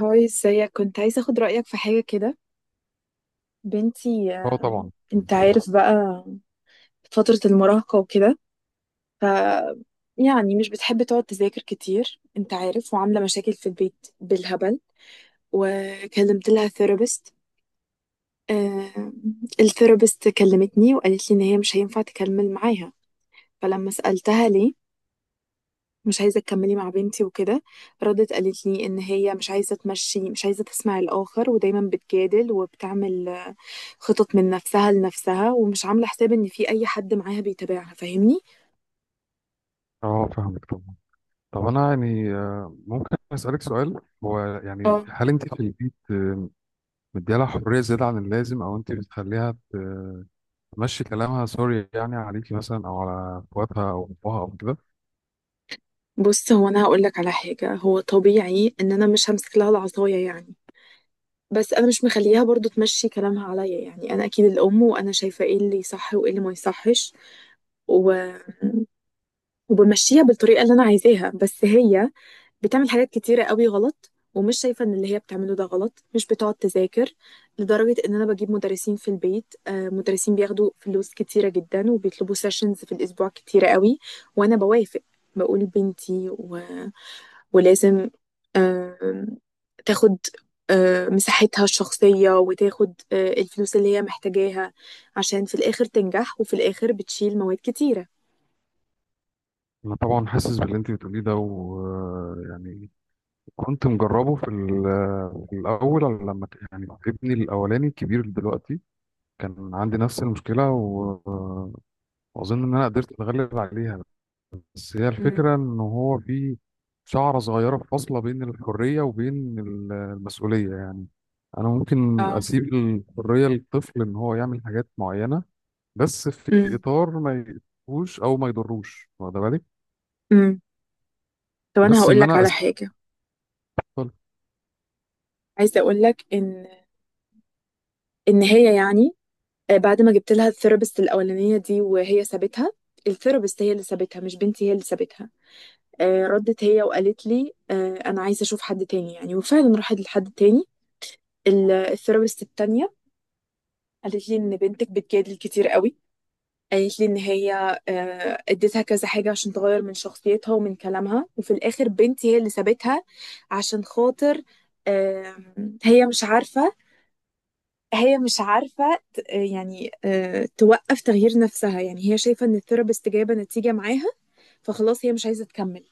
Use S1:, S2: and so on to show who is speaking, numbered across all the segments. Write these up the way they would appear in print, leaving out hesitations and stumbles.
S1: هاي، ازيك؟ كنت عايزة اخد رأيك في حاجة كده. بنتي،
S2: اه، طبعا.
S1: انت عارف بقى، فترة المراهقة وكده، ف يعني مش بتحب تقعد تذاكر كتير، انت عارف، وعاملة مشاكل في البيت بالهبل. وكلمت لها ثيرابيست. الثيرابيست كلمتني وقالت لي ان هي مش هينفع تكمل معاها. فلما سألتها ليه مش عايزة تكملي مع بنتي وكده، ردت قالت لي ان هي مش عايزة تمشي، مش عايزة تسمع الآخر، ودايما بتجادل وبتعمل خطط من نفسها لنفسها ومش عاملة حساب ان في اي حد معاها بيتابعها. فاهمني؟
S2: اه، فاهمك طبعا. طب انا يعني ممكن اسالك سؤال، هو يعني
S1: اه.
S2: هل انت في البيت مديها لها حريه زياده عن اللازم او انت بتخليها تمشي كلامها؟ سوري يعني، عليكي مثلا او على اخواتها او ابوها او كده.
S1: بص، هو انا هقول لك على حاجة. هو طبيعي ان انا مش همسك لها العصاية يعني، بس انا مش مخليها برضو تمشي كلامها عليا، يعني انا اكيد الام، وانا شايفة ايه اللي صح وايه اللي ما يصحش. و... وبمشيها بالطريقة اللي انا عايزاها، بس هي بتعمل حاجات كتيرة قوي غلط، ومش شايفة ان اللي هي بتعمله ده غلط، مش بتقعد تذاكر، لدرجة ان انا بجيب مدرسين في البيت، مدرسين بياخدوا فلوس كتيرة جدا، وبيطلبوا سيشنز في الاسبوع كتيرة قوي، وانا بوافق، بقول بنتي ولازم آم، تاخد مساحتها الشخصية، وتاخد الفلوس اللي هي محتاجاها، عشان في الآخر تنجح، وفي الآخر بتشيل مواد كتيرة.
S2: انا طبعا حاسس باللي انت بتقوليه ده، ويعني كنت مجربه في الاول لما يعني ابني الاولاني الكبير دلوقتي كان عندي نفس المشكله واظن ان انا قدرت اتغلب عليها. بس هي
S1: مم.
S2: الفكرة إن هو في شعرة صغيرة فاصلة بين الحرية وبين المسؤولية، يعني أنا ممكن
S1: اه.
S2: أسيب الحرية للطفل إن هو يعمل حاجات معينة، بس في
S1: مم.
S2: إطار ما يأذوش أو ما يضروش، واخد بالك؟
S1: مم. طب انا
S2: بس
S1: هقول
S2: إن
S1: لك
S2: أنا
S1: على
S2: أسيب
S1: حاجه،
S2: الطفل.
S1: عايزه اقول لك ان هي يعني، بعد ما جبت لها الثيرابيست الاولانيه دي وهي سابتها. الثيرابيست هي اللي سابتها، مش بنتي هي اللي سابتها. ردت هي وقالت لي انا عايزه اشوف حد تاني يعني، وفعلا راحت لحد تاني. الثيرابيست التانيه قالت لي ان بنتك بتجادل كتير قوي. قالت لي ان هي اديتها كذا حاجه عشان تغير من شخصيتها ومن كلامها، وفي الاخر بنتي هي اللي سابتها، عشان خاطر هي مش عارفه، هي مش عارفة يعني توقف تغيير نفسها، يعني هي شايفة ان الثيرابيست جايبة نتيجة معاها، فخلاص هي مش عايزة تكمل.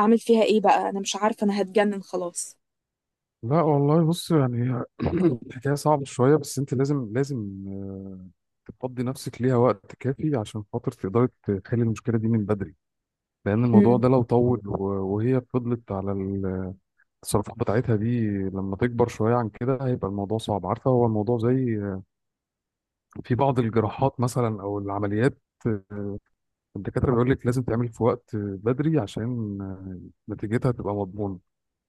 S1: اعمل فيها ايه بقى؟ انا مش عارفة، انا هتجنن خلاص.
S2: لا والله بص، يعني هي الحكاية صعبة شوية، بس أنت لازم لازم تفضي نفسك ليها وقت كافي عشان خاطر تقدري تحلي المشكلة دي من بدري، لأن الموضوع
S1: امم.
S2: ده لو طول وهي فضلت على الصرافة بتاعتها دي لما تكبر شوية عن كده، هيبقى الموضوع صعب، عارفة؟ هو الموضوع زي في بعض الجراحات مثلا أو العمليات، آه، الدكاترة بيقول لك لازم تعمل في وقت بدري عشان نتيجتها تبقى مضمونة.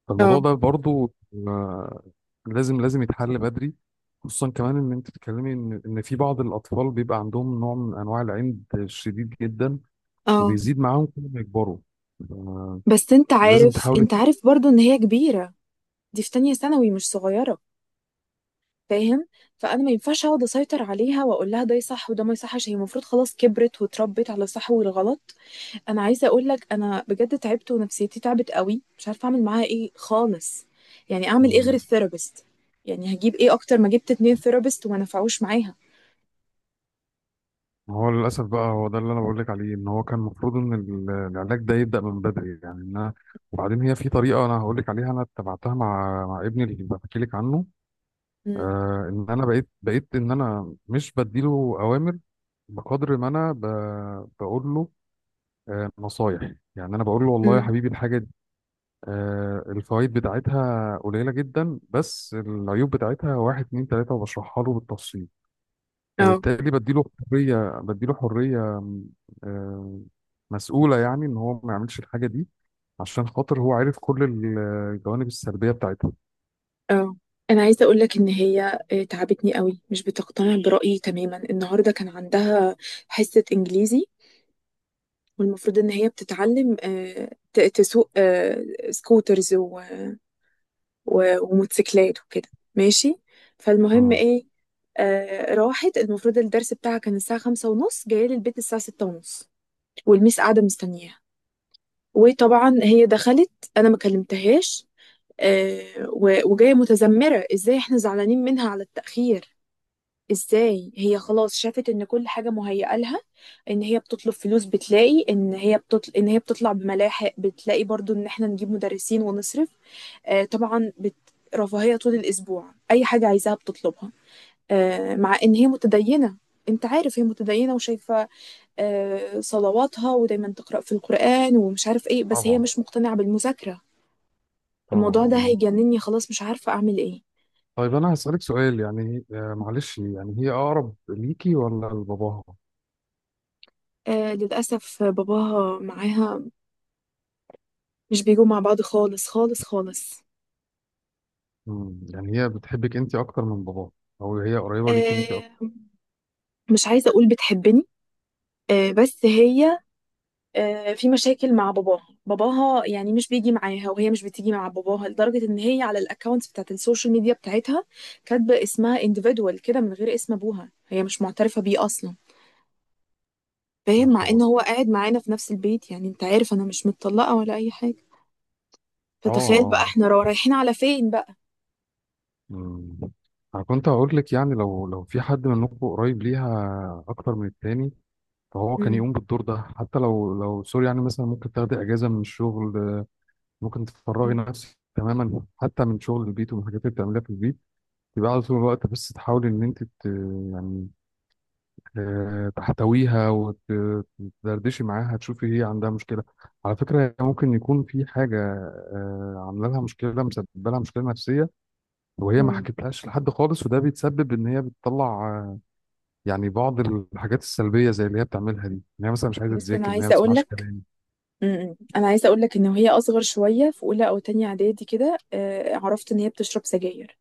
S2: فالموضوع
S1: اه.
S2: ده برضو آه، لازم لازم يتحل بدري، خصوصا كمان إن أنت بتتكلمي إن في بعض الأطفال بيبقى عندهم نوع من أنواع العند الشديد جدا
S1: اه.
S2: وبيزيد معاهم كل ما يكبروا. آه،
S1: بس انت
S2: لازم
S1: عارف،
S2: تحاولي.
S1: برضو ان هي كبيرة، دي في تانية ثانوي، مش صغيرة. فاهم؟ فانا ما ينفعش اقعد اسيطر عليها واقول لها ده صح وده ما يصحش، هي المفروض خلاص كبرت واتربت على الصح والغلط. انا عايزه اقول لك، انا بجد تعبت، ونفسيتي تعبت قوي، مش عارفه اعمل معاها ايه خالص. يعني اعمل ايه غير الثيرابيست؟ يعني هجيب ايه اكتر، ما جبت اتنين ثيرابيست وما نفعوش معاها.
S2: ما هو للأسف بقى، هو ده اللي أنا بقول لك عليه، إن هو كان المفروض إن العلاج ده يبدأ من بدري، يعني إن أنا. وبعدين هي في طريقة أنا هقول لك عليها، أنا اتبعتها مع ابني اللي بحكي لك عنه،
S1: امم.
S2: إن أنا بقيت بقيت إن أنا مش بديله أوامر بقدر ما أنا بقول له نصايح. يعني أنا بقول له والله يا
S1: امم.
S2: حبيبي الحاجة دي الفوائد بتاعتها قليلة جدا، بس العيوب بتاعتها واحد اتنين تلاتة، وبشرحها له بالتفصيل.
S1: اه.
S2: فبالتالي بديله حرية آه، مسؤولة، يعني إن هو ما يعملش الحاجة دي عشان خاطر هو عارف كل الجوانب السلبية بتاعتها.
S1: اه. انا عايزه اقول لك ان هي تعبتني قوي، مش بتقتنع برايي تماما. النهارده كان عندها حصه انجليزي، والمفروض ان هي بتتعلم تسوق سكوترز وموتوسيكلات وكده، ماشي. فالمهم
S2: مم.
S1: ايه؟ راحت. المفروض الدرس بتاعها كان الساعة 5:30، جاية لي البيت الساعة 6:30، والميس قاعدة مستنياها. وطبعا هي دخلت، أنا ما كلمتهاش. وجاية متذمرة، ازاي احنا زعلانين منها على التأخير، ازاي هي خلاص شافت ان كل حاجة مهيئة لها، ان هي بتطلب فلوس بتلاقي، ان هي ان هي بتطلع بملاحق، بتلاقي برضو ان احنا نجيب مدرسين ونصرف. طبعا، رفاهية طول الأسبوع، أي حاجة عايزاها بتطلبها. مع إن هي متدينة، أنت عارف هي متدينة وشايفة صلواتها، ودايما تقرأ في القرآن ومش عارف إيه، بس هي
S2: طبعا،
S1: مش مقتنعة بالمذاكرة.
S2: طبعا،
S1: الموضوع ده
S2: اه.
S1: هيجنني خلاص، مش عارفة أعمل إيه.
S2: طيب أنا هسألك سؤال، يعني معلش، يعني هي أقرب ليكي ولا لباباها؟
S1: للأسف باباها معاها، مش بيجوا مع بعض خالص خالص خالص.
S2: مم، يعني هي بتحبك أنت أكتر من باباها، أو هي قريبة ليكي أنت
S1: آه،
S2: أكتر؟
S1: مش عايزة أقول بتحبني، بس هي في مشاكل مع باباها. باباها يعني مش بيجي معاها، وهي مش بتيجي مع باباها، لدرجة ان هي على الاكونت بتاعت السوشيال ميديا بتاعتها كاتبة اسمها individual كده، من غير اسم ابوها، هي مش معترفة بيه اصلا. فاهم؟
S2: يا
S1: مع ان
S2: خبر.
S1: هو قاعد معانا في نفس البيت، يعني انت عارف انا مش متطلقة ولا اي حاجة.
S2: اه،
S1: فتخيل بقى
S2: اه.
S1: احنا رايحين على فين بقى.
S2: مم. أنا كنت هقول لك يعني لو في حد منكم قريب ليها أكتر من التاني فهو كان
S1: امم.
S2: يقوم بالدور ده، حتى لو سوري يعني، مثلا ممكن تاخدي اجازه من الشغل، ممكن تفرغي نفسك تماما حتى من شغل البيت ومن الحاجات اللي بتعمليها في البيت، تبقى على طول الوقت، بس تحاولي ان انت يعني تحتويها وتدردشي معاها تشوفي هي عندها مشكله. على فكره هي ممكن يكون في حاجه عامله لها مشكله، مسببه لها مشكله نفسيه وهي ما
S1: امم.
S2: حكتلهاش لحد خالص، وده بيتسبب ان هي بتطلع يعني بعض الحاجات السلبيه زي اللي هي بتعملها دي، ان هي مثلا مش عايزه
S1: بس انا
S2: تذاكر، ان هي ما
S1: عايزه اقول
S2: بتسمعش
S1: لك
S2: كلام.
S1: امم انا عايزه اقول لك ان وهي اصغر شويه في اولى او تانية اعدادي كده، عرفت ان هي بتشرب سجاير،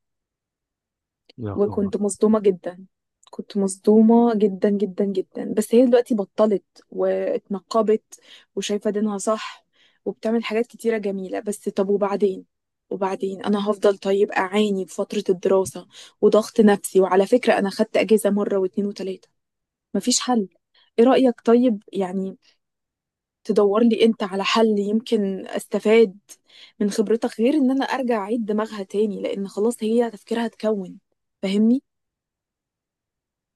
S2: يا خبر.
S1: وكنت مصدومة جدا. كنت مصدومة جدا جدا جدا، بس هي دلوقتي بطلت، واتنقبت، وشايفة دينها صح، وبتعمل حاجات كتيرة جميلة. بس طب وبعدين؟ وبعدين انا هفضل طيب اعاني في فترة الدراسة وضغط نفسي، وعلى فكرة انا خدت اجازة مرة واتنين وتلاتة، مفيش حل. ايه رأيك طيب يعني، تدور لي انت على حل يمكن استفاد من خبرتك، غير ان انا ارجع اعيد دماغها تاني، لان خلاص هي تفكيرها اتكون. فاهمني؟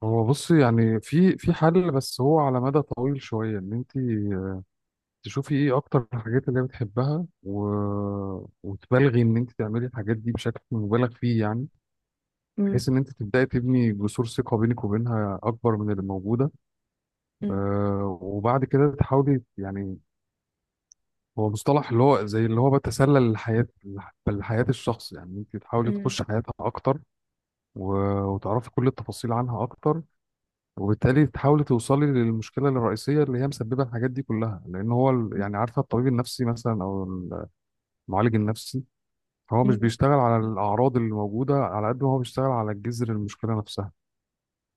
S2: هو بص يعني في في حل، بس هو على مدى طويل شوية، ان انت تشوفي ايه اكتر الحاجات اللي هي بتحبها وتبالغي ان انت تعملي الحاجات دي بشكل مبالغ فيه، يعني بحيث ان انت تبداي تبني جسور ثقة بينك وبينها اكبر من اللي موجودة.
S1: مم.
S2: وبعد كده تحاولي، يعني هو مصطلح اللي هو زي اللي هو بتسلل الحياة لحياة الشخص، يعني انت تحاولي
S1: مم.
S2: تخش حياتها اكتر و... وتعرفي كل التفاصيل عنها اكتر، وبالتالي تحاولي توصلي للمشكله الرئيسيه اللي هي مسببه الحاجات دي كلها، لان هو يعني عارفه الطبيب النفسي مثلا او المعالج النفسي هو مش
S1: مم.
S2: بيشتغل على الاعراض اللي موجوده على قد ما هو بيشتغل على جذر المشكله نفسها.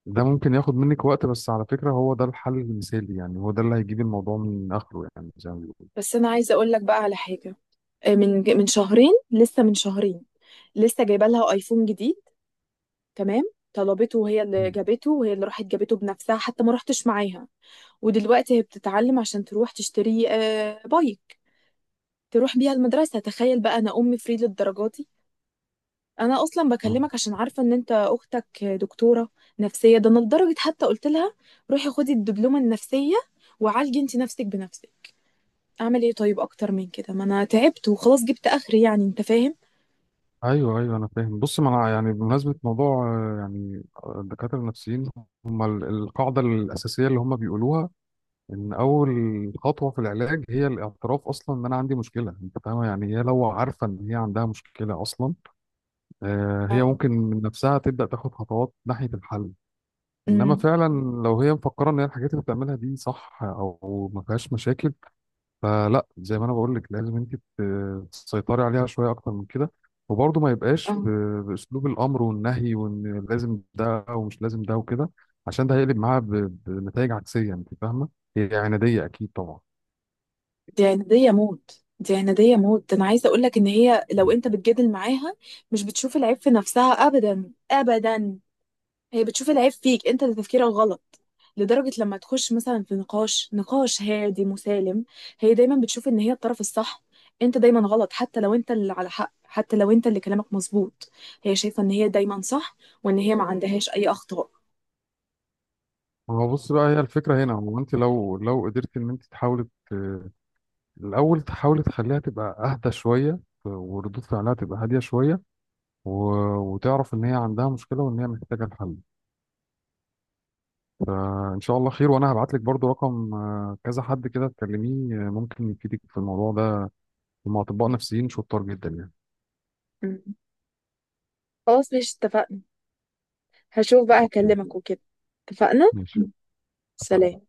S2: ده ممكن ياخد منك وقت، بس على فكره هو ده الحل المثالي، يعني هو ده اللي هيجيب الموضوع من اخره، يعني زي ما بيقولوا.
S1: بس انا عايزه اقول لك بقى على حاجه، من شهرين، لسه من شهرين، لسه جايبه لها ايفون جديد، تمام. طلبته، وهي اللي
S2: مم.
S1: جابته، وهي اللي راحت جابته بنفسها، حتى ما رحتش معاها. ودلوقتي هي بتتعلم عشان تروح تشتري بايك تروح بيها المدرسه. تخيل بقى، انا ام فري للدرجه دي. انا اصلا
S2: مم.
S1: بكلمك عشان عارفه ان انت اختك دكتوره نفسيه. ده انا لدرجه حتى قلت لها روحي خدي الدبلومه النفسيه، وعالجي انت نفسك بنفسك. اعمل ايه طيب اكتر من كده؟ ما انا تعبت وخلاص، جبت اخري يعني، انت فاهم.
S2: ايوه، ايوه، انا فاهم. بص، ما انا يعني بمناسبه موضوع يعني الدكاتره النفسيين هم القاعده الاساسيه اللي هم بيقولوها ان اول خطوه في العلاج هي الاعتراف اصلا ان انا عندي مشكله، انت فاهمه؟ يعني هي لو عارفه ان هي عندها مشكله اصلا هي
S1: اه.
S2: ممكن من نفسها تبدا تاخد خطوات ناحيه الحل. انما
S1: امم.
S2: فعلا لو هي مفكره ان هي الحاجات اللي بتعملها دي صح او ما فيهاش مشاكل، فلا زي ما انا بقول لك، لازم انت تسيطري عليها شويه اكتر من كده، وبرضه ما يبقاش
S1: اه.
S2: باسلوب الامر والنهي وان لازم ده ومش لازم ده وكده، عشان ده هيقلب معاها بنتائج عكسيه، انت فاهمه؟ هي عناديه اكيد طبعا.
S1: دي عنادية موت، دي عنادية موت. انا عايزة اقولك ان هي لو
S2: ما
S1: انت بتجادل معاها مش بتشوف العيب في نفسها ابدا ابدا. هي بتشوف العيب فيك انت، اللي تفكيرك غلط. لدرجة لما تخش مثلا في نقاش هادي مسالم، هي دايما بتشوف ان هي الطرف الصح، انت دايما غلط، حتى لو انت اللي على حق، حتى لو انت اللي كلامك مظبوط. هي شايفة ان هي دايما صح، وان هي ما عندهاش اي اخطاء.
S2: هو بص بقى، هي الفكرة هنا هو انت لو قدرت ان انت تحاولي ت- الاول تحاولي تخليها تبقى اهدى شوية وردود فعلها تبقى هادية شوية و... وتعرف ان هي عندها مشكلة وان هي محتاجة الحل. ان شاء الله خير، وانا هبعت لك برضو رقم كذا حد كده تكلميه، ممكن يفيدك في الموضوع ده، هم اطباء نفسيين شطار جدا يعني.
S1: مم. خلاص، مش اتفقنا، هشوف بقى،
S2: اوكي.
S1: هكلمك وكده. اتفقنا.
S2: ماشي. اتفقنا.
S1: سلام.